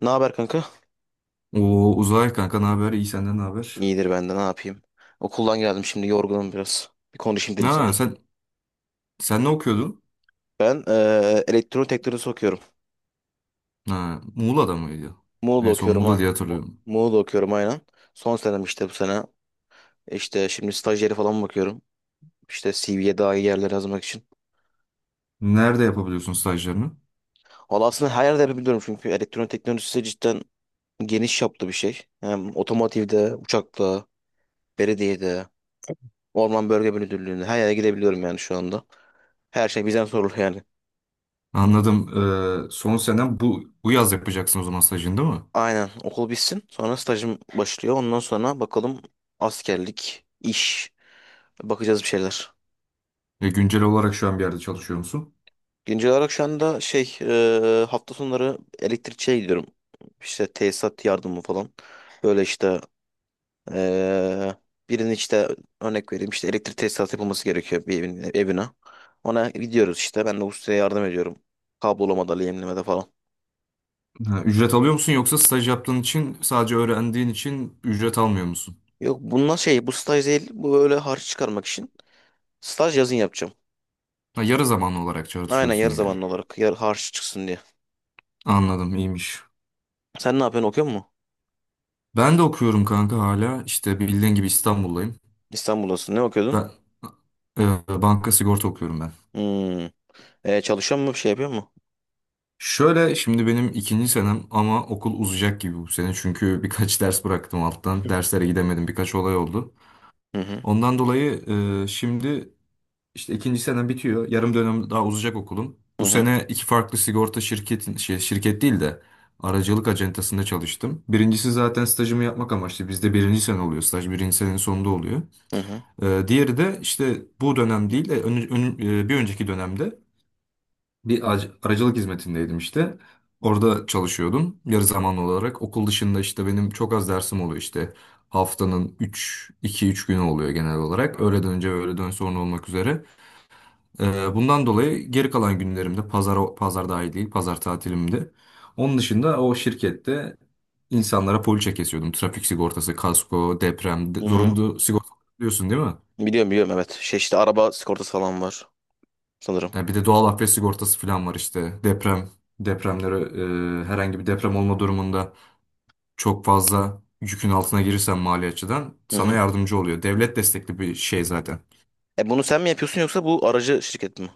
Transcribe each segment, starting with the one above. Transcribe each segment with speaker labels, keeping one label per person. Speaker 1: Ne haber kanka?
Speaker 2: Oo Uzay kanka, ne haber? İyi, senden ne haber?
Speaker 1: İyidir ben de ne yapayım. Okuldan geldim şimdi yorgunum biraz. Bir konuşayım dedim sana.
Speaker 2: Ha sen ne okuyordun?
Speaker 1: Ben elektronik teknolojisi okuyorum.
Speaker 2: Ha, Muğla'da mıydı?
Speaker 1: Muğla'da
Speaker 2: En son
Speaker 1: okuyorum
Speaker 2: Muğla
Speaker 1: ha.
Speaker 2: diye hatırlıyorum.
Speaker 1: Muğla'da okuyorum aynen. Son senem işte bu sene. İşte şimdi stajyeri falan bakıyorum. İşte CV'ye daha iyi yerler yazmak için.
Speaker 2: Nerede yapabiliyorsun stajlarını?
Speaker 1: Valla aslında her yerde yapabiliyorum çünkü elektronik teknolojisi cidden geniş çaplı bir şey. Hem otomotivde, uçakta, belediyede, orman bölge müdürlüğünde her yere gidebiliyorum yani şu anda. Her şey bizden sorulur yani.
Speaker 2: Anladım. Son senen bu yaz yapacaksın o zaman, stajını değil mi?
Speaker 1: Aynen okul bitsin. Sonra stajım başlıyor. Ondan sonra bakalım askerlik, iş. Bakacağız bir şeyler.
Speaker 2: Ve güncel olarak şu an bir yerde çalışıyor musun?
Speaker 1: Güncel olarak şu anda şey hafta sonları elektrikçiye gidiyorum. İşte tesisat yardımı falan. Böyle işte e, birinin işte örnek vereyim işte elektrik tesisatı yapılması gerekiyor bir evine. Ona gidiyoruz işte. Ben de ustaya yardım ediyorum. Kablolamada, lehimlemede falan.
Speaker 2: Ha, ücret alıyor musun yoksa staj yaptığın için, sadece öğrendiğin için ücret almıyor musun?
Speaker 1: Yok bunlar şey bu staj değil. Bu böyle harç çıkarmak için. Staj yazın yapacağım.
Speaker 2: Ha, yarı zamanlı olarak
Speaker 1: Aynen
Speaker 2: çalışıyorsun
Speaker 1: yarı
Speaker 2: yani.
Speaker 1: zamanlı olarak harç çıksın diye.
Speaker 2: Anladım, iyiymiş.
Speaker 1: Sen ne yapıyorsun okuyor musun?
Speaker 2: Ben de okuyorum kanka hala. İşte bildiğin gibi İstanbul'dayım.
Speaker 1: İstanbul'dasın. Ne okuyordun?
Speaker 2: Ben e, banka sigorta okuyorum ben.
Speaker 1: Hmm. E, çalışıyor musun? Bir şey yapıyor mu?
Speaker 2: Şöyle şimdi benim ikinci senem ama okul uzayacak gibi bu sene. Çünkü birkaç ders bıraktım alttan. Derslere gidemedim. Birkaç olay oldu.
Speaker 1: Hı hı.
Speaker 2: Ondan dolayı şimdi işte ikinci senem bitiyor. Yarım dönem daha uzayacak okulum.
Speaker 1: Hı
Speaker 2: Bu
Speaker 1: hı.
Speaker 2: sene iki farklı sigorta şirketin şey, şirket değil de aracılık acentasında çalıştım. Birincisi zaten stajımı yapmak amaçlı. Bizde birinci sene oluyor. Staj birinci senenin sonunda oluyor.
Speaker 1: Hı hı.
Speaker 2: Diğeri de işte bu dönem değil de bir önceki dönemde bir aracılık hizmetindeydim işte. Orada çalışıyordum yarı zamanlı olarak. Okul dışında işte benim çok az dersim oluyor işte. Haftanın üç iki üç günü oluyor genel olarak, öğleden önce ve öğleden sonra olmak üzere. Bundan dolayı geri kalan günlerimde, pazar, pazar dahil değil, pazar tatilimde. Onun dışında o şirkette insanlara poliçe kesiyordum. Trafik sigortası, kasko, deprem,
Speaker 1: Hı hı.
Speaker 2: zorunlu sigorta biliyorsun değil mi?
Speaker 1: Biliyorum biliyorum evet. Şey işte araba sigortası falan var sanırım.
Speaker 2: Yani bir de doğal afet sigortası falan var işte. Depremlere, herhangi bir deprem olma durumunda çok fazla yükün altına girirsen mali açıdan
Speaker 1: Hı
Speaker 2: sana
Speaker 1: hı.
Speaker 2: yardımcı oluyor. Devlet destekli bir şey zaten.
Speaker 1: E bunu sen mi yapıyorsun yoksa bu aracı şirket mi?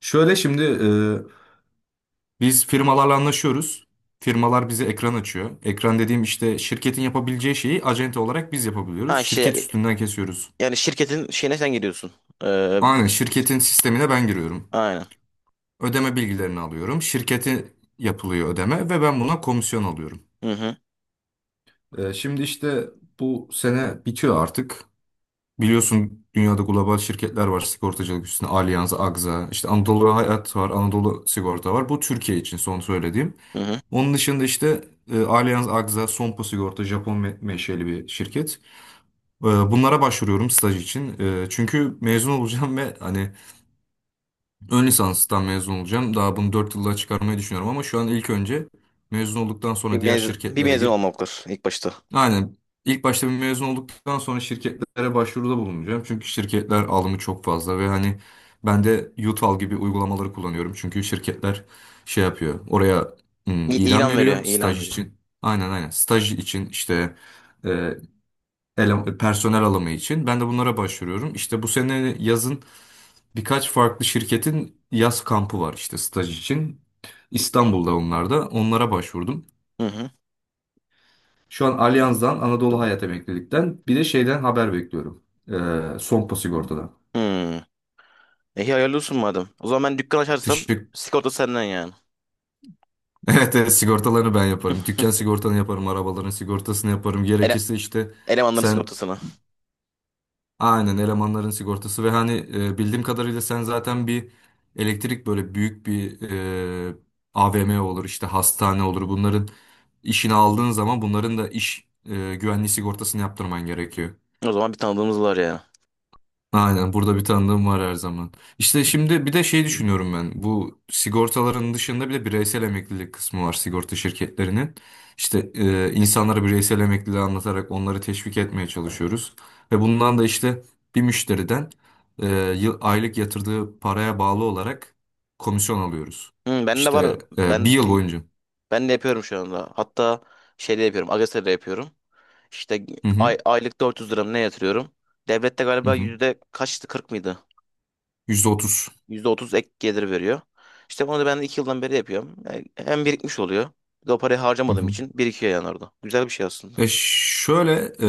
Speaker 2: Şöyle şimdi, biz firmalarla anlaşıyoruz. Firmalar bize ekran açıyor. Ekran dediğim işte şirketin yapabileceği şeyi acente olarak biz
Speaker 1: Ha
Speaker 2: yapabiliyoruz.
Speaker 1: işte
Speaker 2: Şirket üstünden kesiyoruz.
Speaker 1: yani şirketin şeyine sen gidiyorsun. Ee,
Speaker 2: Aynen, şirketin sistemine ben giriyorum.
Speaker 1: aynen.
Speaker 2: Ödeme bilgilerini alıyorum. Şirketi yapılıyor ödeme ve ben buna komisyon alıyorum.
Speaker 1: Hı hı.
Speaker 2: Şimdi işte bu sene bitiyor artık. Biliyorsun dünyada global şirketler var sigortacılık üstüne. Allianz, Agza, işte Anadolu Hayat var, Anadolu Sigorta var. Bu Türkiye için son söylediğim.
Speaker 1: Hı hı.
Speaker 2: Onun dışında işte Allianz, Agza, Sompo Sigorta, Japon menşeli bir şirket. Bunlara başvuruyorum staj için. Çünkü mezun olacağım ve hani ön lisanstan mezun olacağım. Daha bunu 4 yılda çıkarmayı düşünüyorum ama şu an ilk önce mezun olduktan sonra
Speaker 1: Bir
Speaker 2: diğer
Speaker 1: mezun, bir
Speaker 2: şirketlere
Speaker 1: mezun
Speaker 2: girip.
Speaker 1: olmalıdır ilk başta.
Speaker 2: Aynen, İlk başta bir mezun olduktan sonra şirketlere başvuruda bulunacağım. Çünkü şirketler alımı çok fazla ve hani ben de Yutal gibi uygulamaları kullanıyorum. Çünkü şirketler şey yapıyor. Oraya
Speaker 1: İ
Speaker 2: ilan
Speaker 1: ilan veriyor,
Speaker 2: veriyor
Speaker 1: ilan
Speaker 2: staj
Speaker 1: veriyor.
Speaker 2: için. Aynen aynen. Staj için işte e, personel alımı için. Ben de bunlara başvuruyorum. İşte bu sene yazın birkaç farklı şirketin yaz kampı var işte staj için. İstanbul'da onlar da. Onlara başvurdum.
Speaker 1: Hı hı.
Speaker 2: Şu an Allianz'dan, Anadolu Hayat Emeklilik'ten bir de şeyden haber bekliyorum. Sompo Sigorta'dan.
Speaker 1: Hı. E iyi, hayırlı olsun madem. O zaman ben dükkan açarsam
Speaker 2: Teşekkür.
Speaker 1: sigorta senden yani.
Speaker 2: Evet, evet, sigortalarını ben yaparım. Dükkan sigortanı yaparım. Arabaların sigortasını yaparım.
Speaker 1: Ele
Speaker 2: Gerekirse işte
Speaker 1: elemanların
Speaker 2: sen
Speaker 1: sigortasını.
Speaker 2: aynen elemanların sigortası ve hani bildiğim kadarıyla sen zaten bir elektrik böyle büyük bir, e, AVM olur işte hastane olur. Bunların işini aldığın zaman bunların da iş güvenliği sigortasını yaptırman gerekiyor.
Speaker 1: O zaman bir tanıdığımız var ya.
Speaker 2: Aynen, burada bir tanıdığım var her zaman. İşte şimdi bir de şey düşünüyorum ben. Bu sigortaların dışında bir de bireysel emeklilik kısmı var sigorta şirketlerinin. İşte insanlara bireysel emekliliği anlatarak onları teşvik etmeye çalışıyoruz. Ve bundan da işte bir müşteriden e, aylık yatırdığı paraya bağlı olarak komisyon alıyoruz.
Speaker 1: Hı, ben de var.
Speaker 2: İşte bir
Speaker 1: Ben
Speaker 2: yıl boyunca.
Speaker 1: ben de yapıyorum şu anda. Hatta şeyde yapıyorum. Agese'de yapıyorum. İşte
Speaker 2: Hı hı,
Speaker 1: aylık 400 lira mı ne yatırıyorum. Devlette
Speaker 2: hı
Speaker 1: galiba
Speaker 2: hı.
Speaker 1: yüzde kaçtı 40 mıydı?
Speaker 2: %30.
Speaker 1: %30 ek gelir veriyor. İşte bunu da ben 2 yıldan beri yapıyorum. Yani hem birikmiş oluyor. Bir de o parayı harcamadığım için birikiyor yani orada. Güzel bir şey aslında.
Speaker 2: E şöyle e,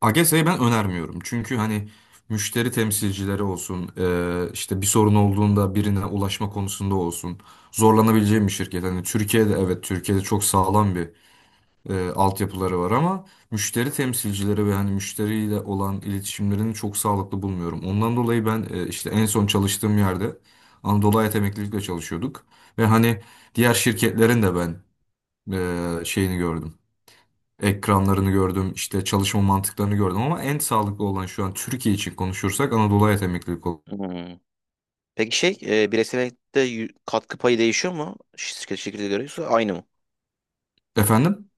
Speaker 2: AGS'yi ben önermiyorum. Çünkü hani müşteri temsilcileri olsun, işte bir sorun olduğunda birine ulaşma konusunda olsun, zorlanabileceğim bir şirket. Hani Türkiye'de, evet, Türkiye'de çok sağlam bir altyapıları var ama müşteri temsilcileri ve hani müşteriyle olan iletişimlerini çok sağlıklı bulmuyorum. Ondan dolayı ben işte en son çalıştığım yerde Anadolu Hayat Emeklilikle çalışıyorduk ve hani diğer şirketlerin de ben şeyini gördüm, ekranlarını gördüm, işte çalışma mantıklarını gördüm ama en sağlıklı olan şu an Türkiye için konuşursak Anadolu Hayat Emeklilik olur.
Speaker 1: Hmm. Peki şey bireysellikte katkı payı değişiyor mu? Şirket şirkete göre yoksa aynı mı?
Speaker 2: Efendim.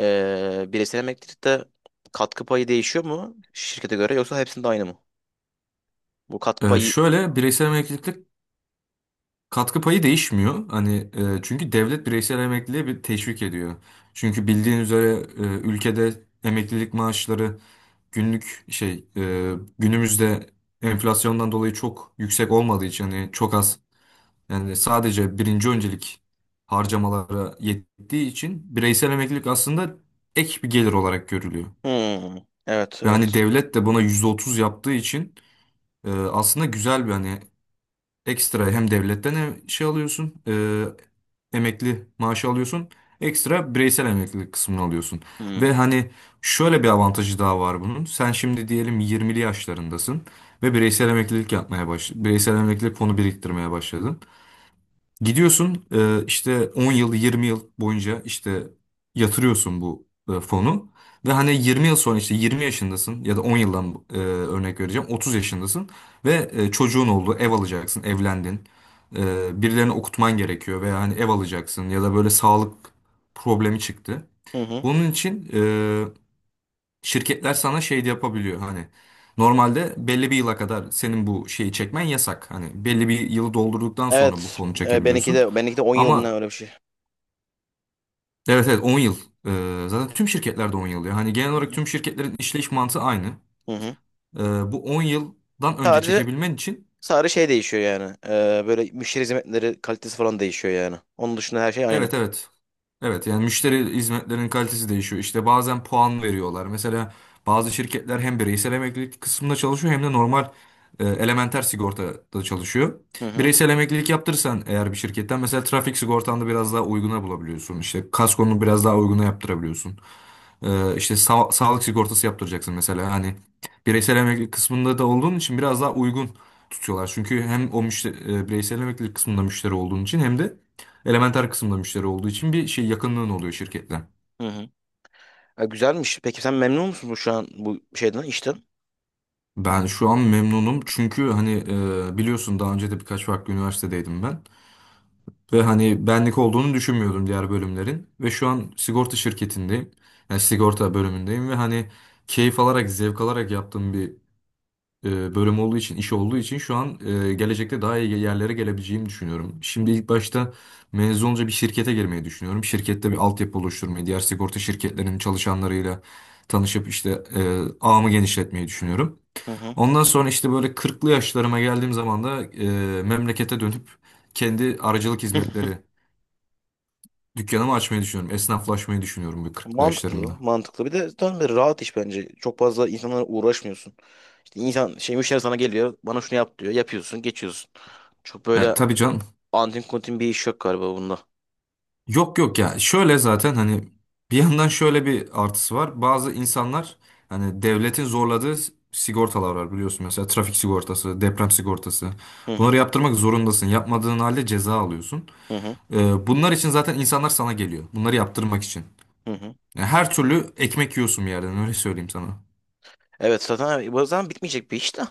Speaker 1: Bireysel emeklilikte katkı payı değişiyor mu şirkete göre yoksa hepsinde aynı mı? Bu katkı payı...
Speaker 2: Şöyle bireysel emeklilik katkı payı değişmiyor. Hani çünkü devlet bireysel emekliliğe bir teşvik ediyor. Çünkü bildiğin üzere ülkede emeklilik maaşları günlük şey, günümüzde enflasyondan dolayı çok yüksek olmadığı için hani çok az. Yani sadece birinci öncelik harcamalara yettiği için bireysel emeklilik aslında ek bir gelir olarak görülüyor.
Speaker 1: Hmm, evet
Speaker 2: Ve hani
Speaker 1: evet.
Speaker 2: devlet de buna %30 yaptığı için aslında güzel bir, hani, ekstra, hem devletten hem şey alıyorsun, emekli maaşı alıyorsun, ekstra bireysel emeklilik kısmını alıyorsun.
Speaker 1: Hmm,
Speaker 2: Ve hani şöyle bir avantajı daha var bunun. Sen şimdi diyelim 20'li yaşlarındasın ve bireysel emeklilik yapmaya baş bireysel emeklilik fonu biriktirmeye başladın. Gidiyorsun, işte 10 yıl 20 yıl boyunca işte yatırıyorsun bu fonu ve hani 20 yıl sonra işte 20 yaşındasın ya da 10 yıldan, örnek vereceğim, 30 yaşındasın ve çocuğun oldu, ev alacaksın, evlendin. Birilerini okutman gerekiyor veya hani ev alacaksın ya da böyle sağlık problemi çıktı.
Speaker 1: hı hı.
Speaker 2: Bunun için şirketler sana şey de yapabiliyor hani normalde belli bir yıla kadar senin bu şeyi çekmen yasak. Hani belli bir yılı doldurduktan sonra bu
Speaker 1: Evet
Speaker 2: fonu
Speaker 1: benimki
Speaker 2: çekebiliyorsun.
Speaker 1: de benimki de 10 yıl mı ne
Speaker 2: Ama
Speaker 1: öyle bir şey.
Speaker 2: evet evet, 10 yıl. Zaten tüm şirketlerde 10 yıl ya. Hani genel
Speaker 1: Hı
Speaker 2: olarak
Speaker 1: hı.
Speaker 2: tüm şirketlerin işleyiş mantığı aynı.
Speaker 1: Hı hı.
Speaker 2: Ee, Bu 10 yıldan önce
Speaker 1: Sadece
Speaker 2: çekebilmen için.
Speaker 1: sadece şey değişiyor yani. Böyle müşteri hizmetleri kalitesi falan değişiyor yani. Onun dışında her şey aynı.
Speaker 2: Evet evet. Evet yani müşteri hizmetlerinin kalitesi değişiyor. İşte bazen puan veriyorlar. Mesela bazı şirketler hem bireysel emeklilik kısmında çalışıyor hem de normal elementer sigortada çalışıyor.
Speaker 1: Hı hı.
Speaker 2: Bireysel emeklilik yaptırırsan eğer bir şirketten, mesela trafik sigortanda biraz daha uyguna bulabiliyorsun. İşte kaskonunu biraz daha uyguna yaptırabiliyorsun. İşte sağlık sigortası yaptıracaksın mesela hani bireysel emeklilik kısmında da olduğun için biraz daha uygun tutuyorlar. Çünkü hem o müşteri, bireysel emeklilik kısmında müşteri olduğun için hem de elementer kısmında müşteri olduğu için bir şey yakınlığın oluyor şirketle.
Speaker 1: Hı hı. E, güzelmiş. Peki sen memnun musun bu şu an bu şeyden işten?
Speaker 2: Ben şu an memnunum çünkü hani, biliyorsun daha önce de birkaç farklı üniversitedeydim ben. Ve hani benlik olduğunu düşünmüyordum diğer bölümlerin. Ve şu an sigorta şirketindeyim. Yani sigorta bölümündeyim ve hani keyif alarak, zevk alarak yaptığım bir bölüm olduğu için, iş olduğu için şu an gelecekte daha iyi yerlere gelebileceğimi düşünüyorum. Şimdi ilk başta mezun olunca bir şirkete girmeyi düşünüyorum. Şirkette bir altyapı oluşturmayı, diğer sigorta şirketlerinin çalışanlarıyla tanışıp işte ağımı genişletmeyi düşünüyorum.
Speaker 1: Hı hı.
Speaker 2: Ondan sonra işte böyle kırklı yaşlarıma geldiğim zaman da memlekete dönüp kendi aracılık hizmetleri dükkanımı açmayı düşünüyorum. Esnaflaşmayı düşünüyorum bu kırklı
Speaker 1: Mantıklı,
Speaker 2: yaşlarımda.
Speaker 1: mantıklı. Bir de tam bir rahat iş bence. Çok fazla insanlara uğraşmıyorsun. İşte insan şey müşteri sana geliyor. Bana şunu yap diyor. Yapıyorsun, geçiyorsun. Çok böyle
Speaker 2: Tabii canım.
Speaker 1: antin kuntin bir iş yok galiba bunda.
Speaker 2: Yok yok ya, şöyle zaten hani bir yandan şöyle bir artısı var. Bazı insanlar hani devletin zorladığı sigortalar var biliyorsun, mesela trafik sigortası, deprem sigortası.
Speaker 1: Hı hı.
Speaker 2: Bunları yaptırmak zorundasın. Yapmadığın halde ceza alıyorsun.
Speaker 1: Hı hı.
Speaker 2: Bunlar için zaten insanlar sana geliyor, bunları yaptırmak için.
Speaker 1: Hı hı.
Speaker 2: Yani her türlü ekmek yiyorsun bir yerden, öyle söyleyeyim sana.
Speaker 1: Evet zaten bu zaman bitmeyecek bir iş de.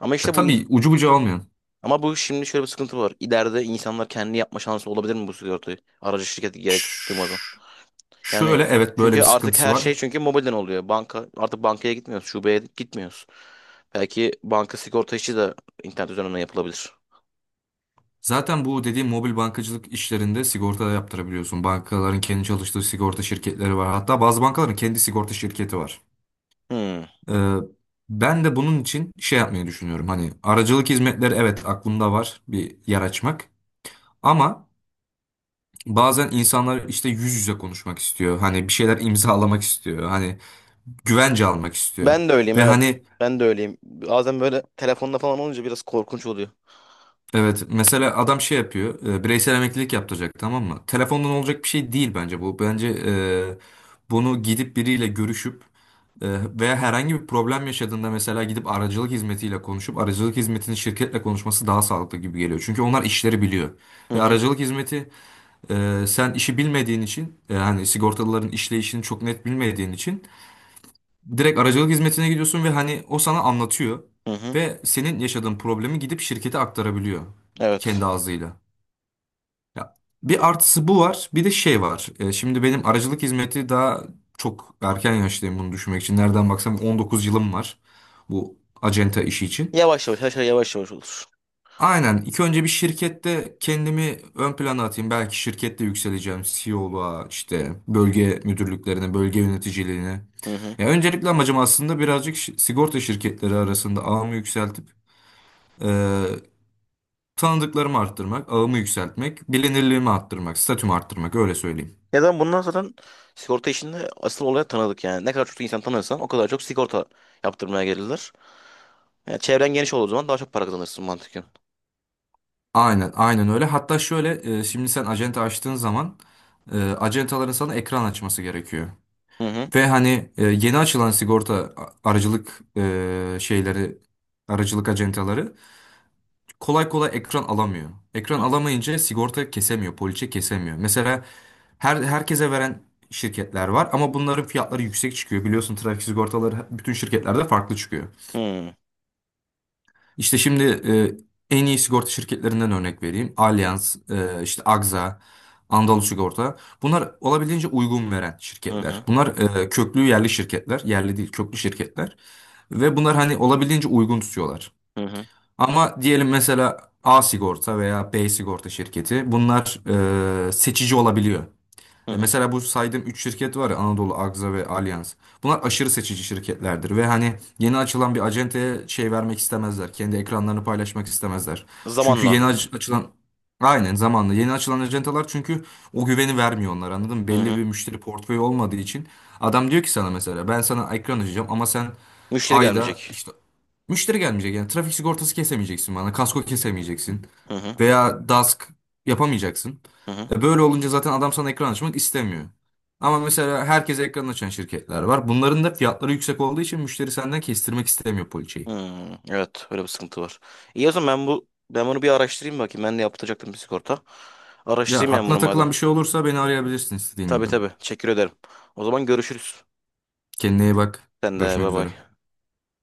Speaker 1: Ama işte bu
Speaker 2: Tabii, ucu bucağı olmayan.
Speaker 1: ama bu şimdi şöyle bir sıkıntı var. İleride insanlar kendi yapma şansı olabilir mi bu sigortayı? Aracı şirketi gerek duymadan.
Speaker 2: Ş-
Speaker 1: Yani
Speaker 2: Şöyle evet, böyle
Speaker 1: çünkü
Speaker 2: bir
Speaker 1: artık
Speaker 2: sıkıntısı
Speaker 1: her
Speaker 2: var.
Speaker 1: şey çünkü mobilden oluyor. Banka artık bankaya gitmiyoruz, şubeye gitmiyoruz. Belki banka sigorta işi de internet üzerinden yapılabilir.
Speaker 2: Zaten bu dediğim mobil bankacılık işlerinde sigorta da yaptırabiliyorsun. Bankaların kendi çalıştığı sigorta şirketleri var. Hatta bazı bankaların kendi sigorta şirketi var.
Speaker 1: Hmm.
Speaker 2: Ee, Ben de bunun için şey yapmayı düşünüyorum. Hani aracılık hizmetleri, evet, aklımda var bir yer açmak. Ama bazen insanlar işte yüz yüze konuşmak istiyor. Hani bir şeyler imzalamak istiyor. Hani güvence almak istiyor.
Speaker 1: Ben de öyleyim
Speaker 2: Ve
Speaker 1: evet.
Speaker 2: hani.
Speaker 1: Ben de öyleyim. Bazen böyle telefonda falan olunca biraz korkunç oluyor.
Speaker 2: Evet, mesela adam şey yapıyor, bireysel emeklilik yaptıracak, tamam mı? Telefondan olacak bir şey değil bence bu. Bence bunu gidip biriyle görüşüp, e, veya herhangi bir problem yaşadığında mesela gidip aracılık hizmetiyle konuşup aracılık hizmetinin şirketle konuşması daha sağlıklı gibi geliyor. Çünkü onlar işleri biliyor.
Speaker 1: Hı
Speaker 2: Ve
Speaker 1: hı.
Speaker 2: aracılık hizmeti, sen işi bilmediğin için, hani sigortalıların işleyişini çok net bilmediğin için direkt aracılık hizmetine gidiyorsun ve hani o sana anlatıyor
Speaker 1: Hı hı.
Speaker 2: ve senin yaşadığın problemi gidip şirkete aktarabiliyor kendi
Speaker 1: Evet.
Speaker 2: ağzıyla. Ya, bir artısı bu var, bir de şey var. Şimdi benim aracılık hizmeti daha çok erken yaştayım bunu düşünmek için. Nereden baksam 19 yılım var bu acenta işi için.
Speaker 1: Yavaş yavaş her şey yavaş yavaş olur.
Speaker 2: Aynen. İlk önce bir şirkette kendimi ön plana atayım. Belki şirkette yükseleceğim. CEO'luğa, işte bölge müdürlüklerine, bölge yöneticiliğine.
Speaker 1: Hı hı.
Speaker 2: Ya öncelikle amacım aslında birazcık sigorta şirketleri arasında ağımı yükseltip, e, tanıdıklarımı arttırmak, ağımı yükseltmek, bilinirliğimi arttırmak, statümü arttırmak, öyle söyleyeyim.
Speaker 1: Ya da bundan sonra sigorta işinde asıl olaya tanıdık yani. Ne kadar çok insan tanırsan o kadar çok sigorta yaptırmaya gelirler. Yani çevren geniş olduğu zaman daha çok para kazanırsın mantıken.
Speaker 2: Aynen, aynen öyle. Hatta şöyle, şimdi sen acente açtığın zaman acentaların sana ekran açması gerekiyor.
Speaker 1: Hı hı.
Speaker 2: Ve hani, yeni açılan sigorta aracılık şeyleri, aracılık acentaları kolay kolay ekran alamıyor. Ekran
Speaker 1: Hı
Speaker 2: alamayınca sigorta kesemiyor, poliçe kesemiyor. Mesela herkese veren şirketler var ama bunların fiyatları yüksek çıkıyor. Biliyorsun trafik sigortaları bütün şirketlerde farklı çıkıyor.
Speaker 1: hı.
Speaker 2: İşte şimdi, en iyi sigorta şirketlerinden örnek vereyim. Allianz, işte Agza, Anadolu Sigorta. Bunlar olabildiğince uygun veren
Speaker 1: Hı
Speaker 2: şirketler.
Speaker 1: hı.
Speaker 2: Bunlar köklü yerli şirketler. Yerli değil, köklü şirketler. Ve bunlar hani olabildiğince uygun tutuyorlar.
Speaker 1: Hı hı.
Speaker 2: Ama diyelim mesela A sigorta veya B sigorta şirketi, bunlar seçici olabiliyor.
Speaker 1: Hı hı.
Speaker 2: Mesela bu saydığım 3 şirket var ya, Anadolu, Agza ve Allianz. Bunlar aşırı seçici şirketlerdir ve hani yeni açılan bir acenteye şey vermek istemezler. Kendi ekranlarını paylaşmak istemezler. Çünkü yeni
Speaker 1: Zamanla.
Speaker 2: açılan, aynen, zamanla yeni açılan acentalar çünkü o güveni vermiyor onlar, anladın mı?
Speaker 1: Hı
Speaker 2: Belli
Speaker 1: hı.
Speaker 2: bir müşteri portföyü olmadığı için adam diyor ki sana, mesela, ben sana ekran açacağım ama sen
Speaker 1: Müşteri
Speaker 2: ayda
Speaker 1: gelmeyecek.
Speaker 2: işte. Müşteri gelmeyecek yani, trafik sigortası kesemeyeceksin bana. Kasko kesemeyeceksin.
Speaker 1: Hı hı.
Speaker 2: Veya DASK yapamayacaksın.
Speaker 1: Hı hı.
Speaker 2: Böyle olunca zaten adam sana ekran açmak istemiyor. Ama mesela herkese ekran açan şirketler var. Bunların da fiyatları yüksek olduğu için müşteri senden kestirmek istemiyor poliçeyi.
Speaker 1: Hmm, evet öyle bir sıkıntı var. İyi o zaman ben bunu bir araştırayım bakayım. Ben de yaptıracaktım bir sigorta.
Speaker 2: Ya
Speaker 1: Araştırayım yani bunu
Speaker 2: aklına
Speaker 1: madem.
Speaker 2: takılan bir şey olursa beni arayabilirsin istediğin
Speaker 1: Tabii
Speaker 2: gibi.
Speaker 1: tabii. Teşekkür ederim. O zaman görüşürüz.
Speaker 2: Kendine iyi bak.
Speaker 1: Sen de
Speaker 2: Görüşmek
Speaker 1: bay
Speaker 2: üzere.
Speaker 1: bay.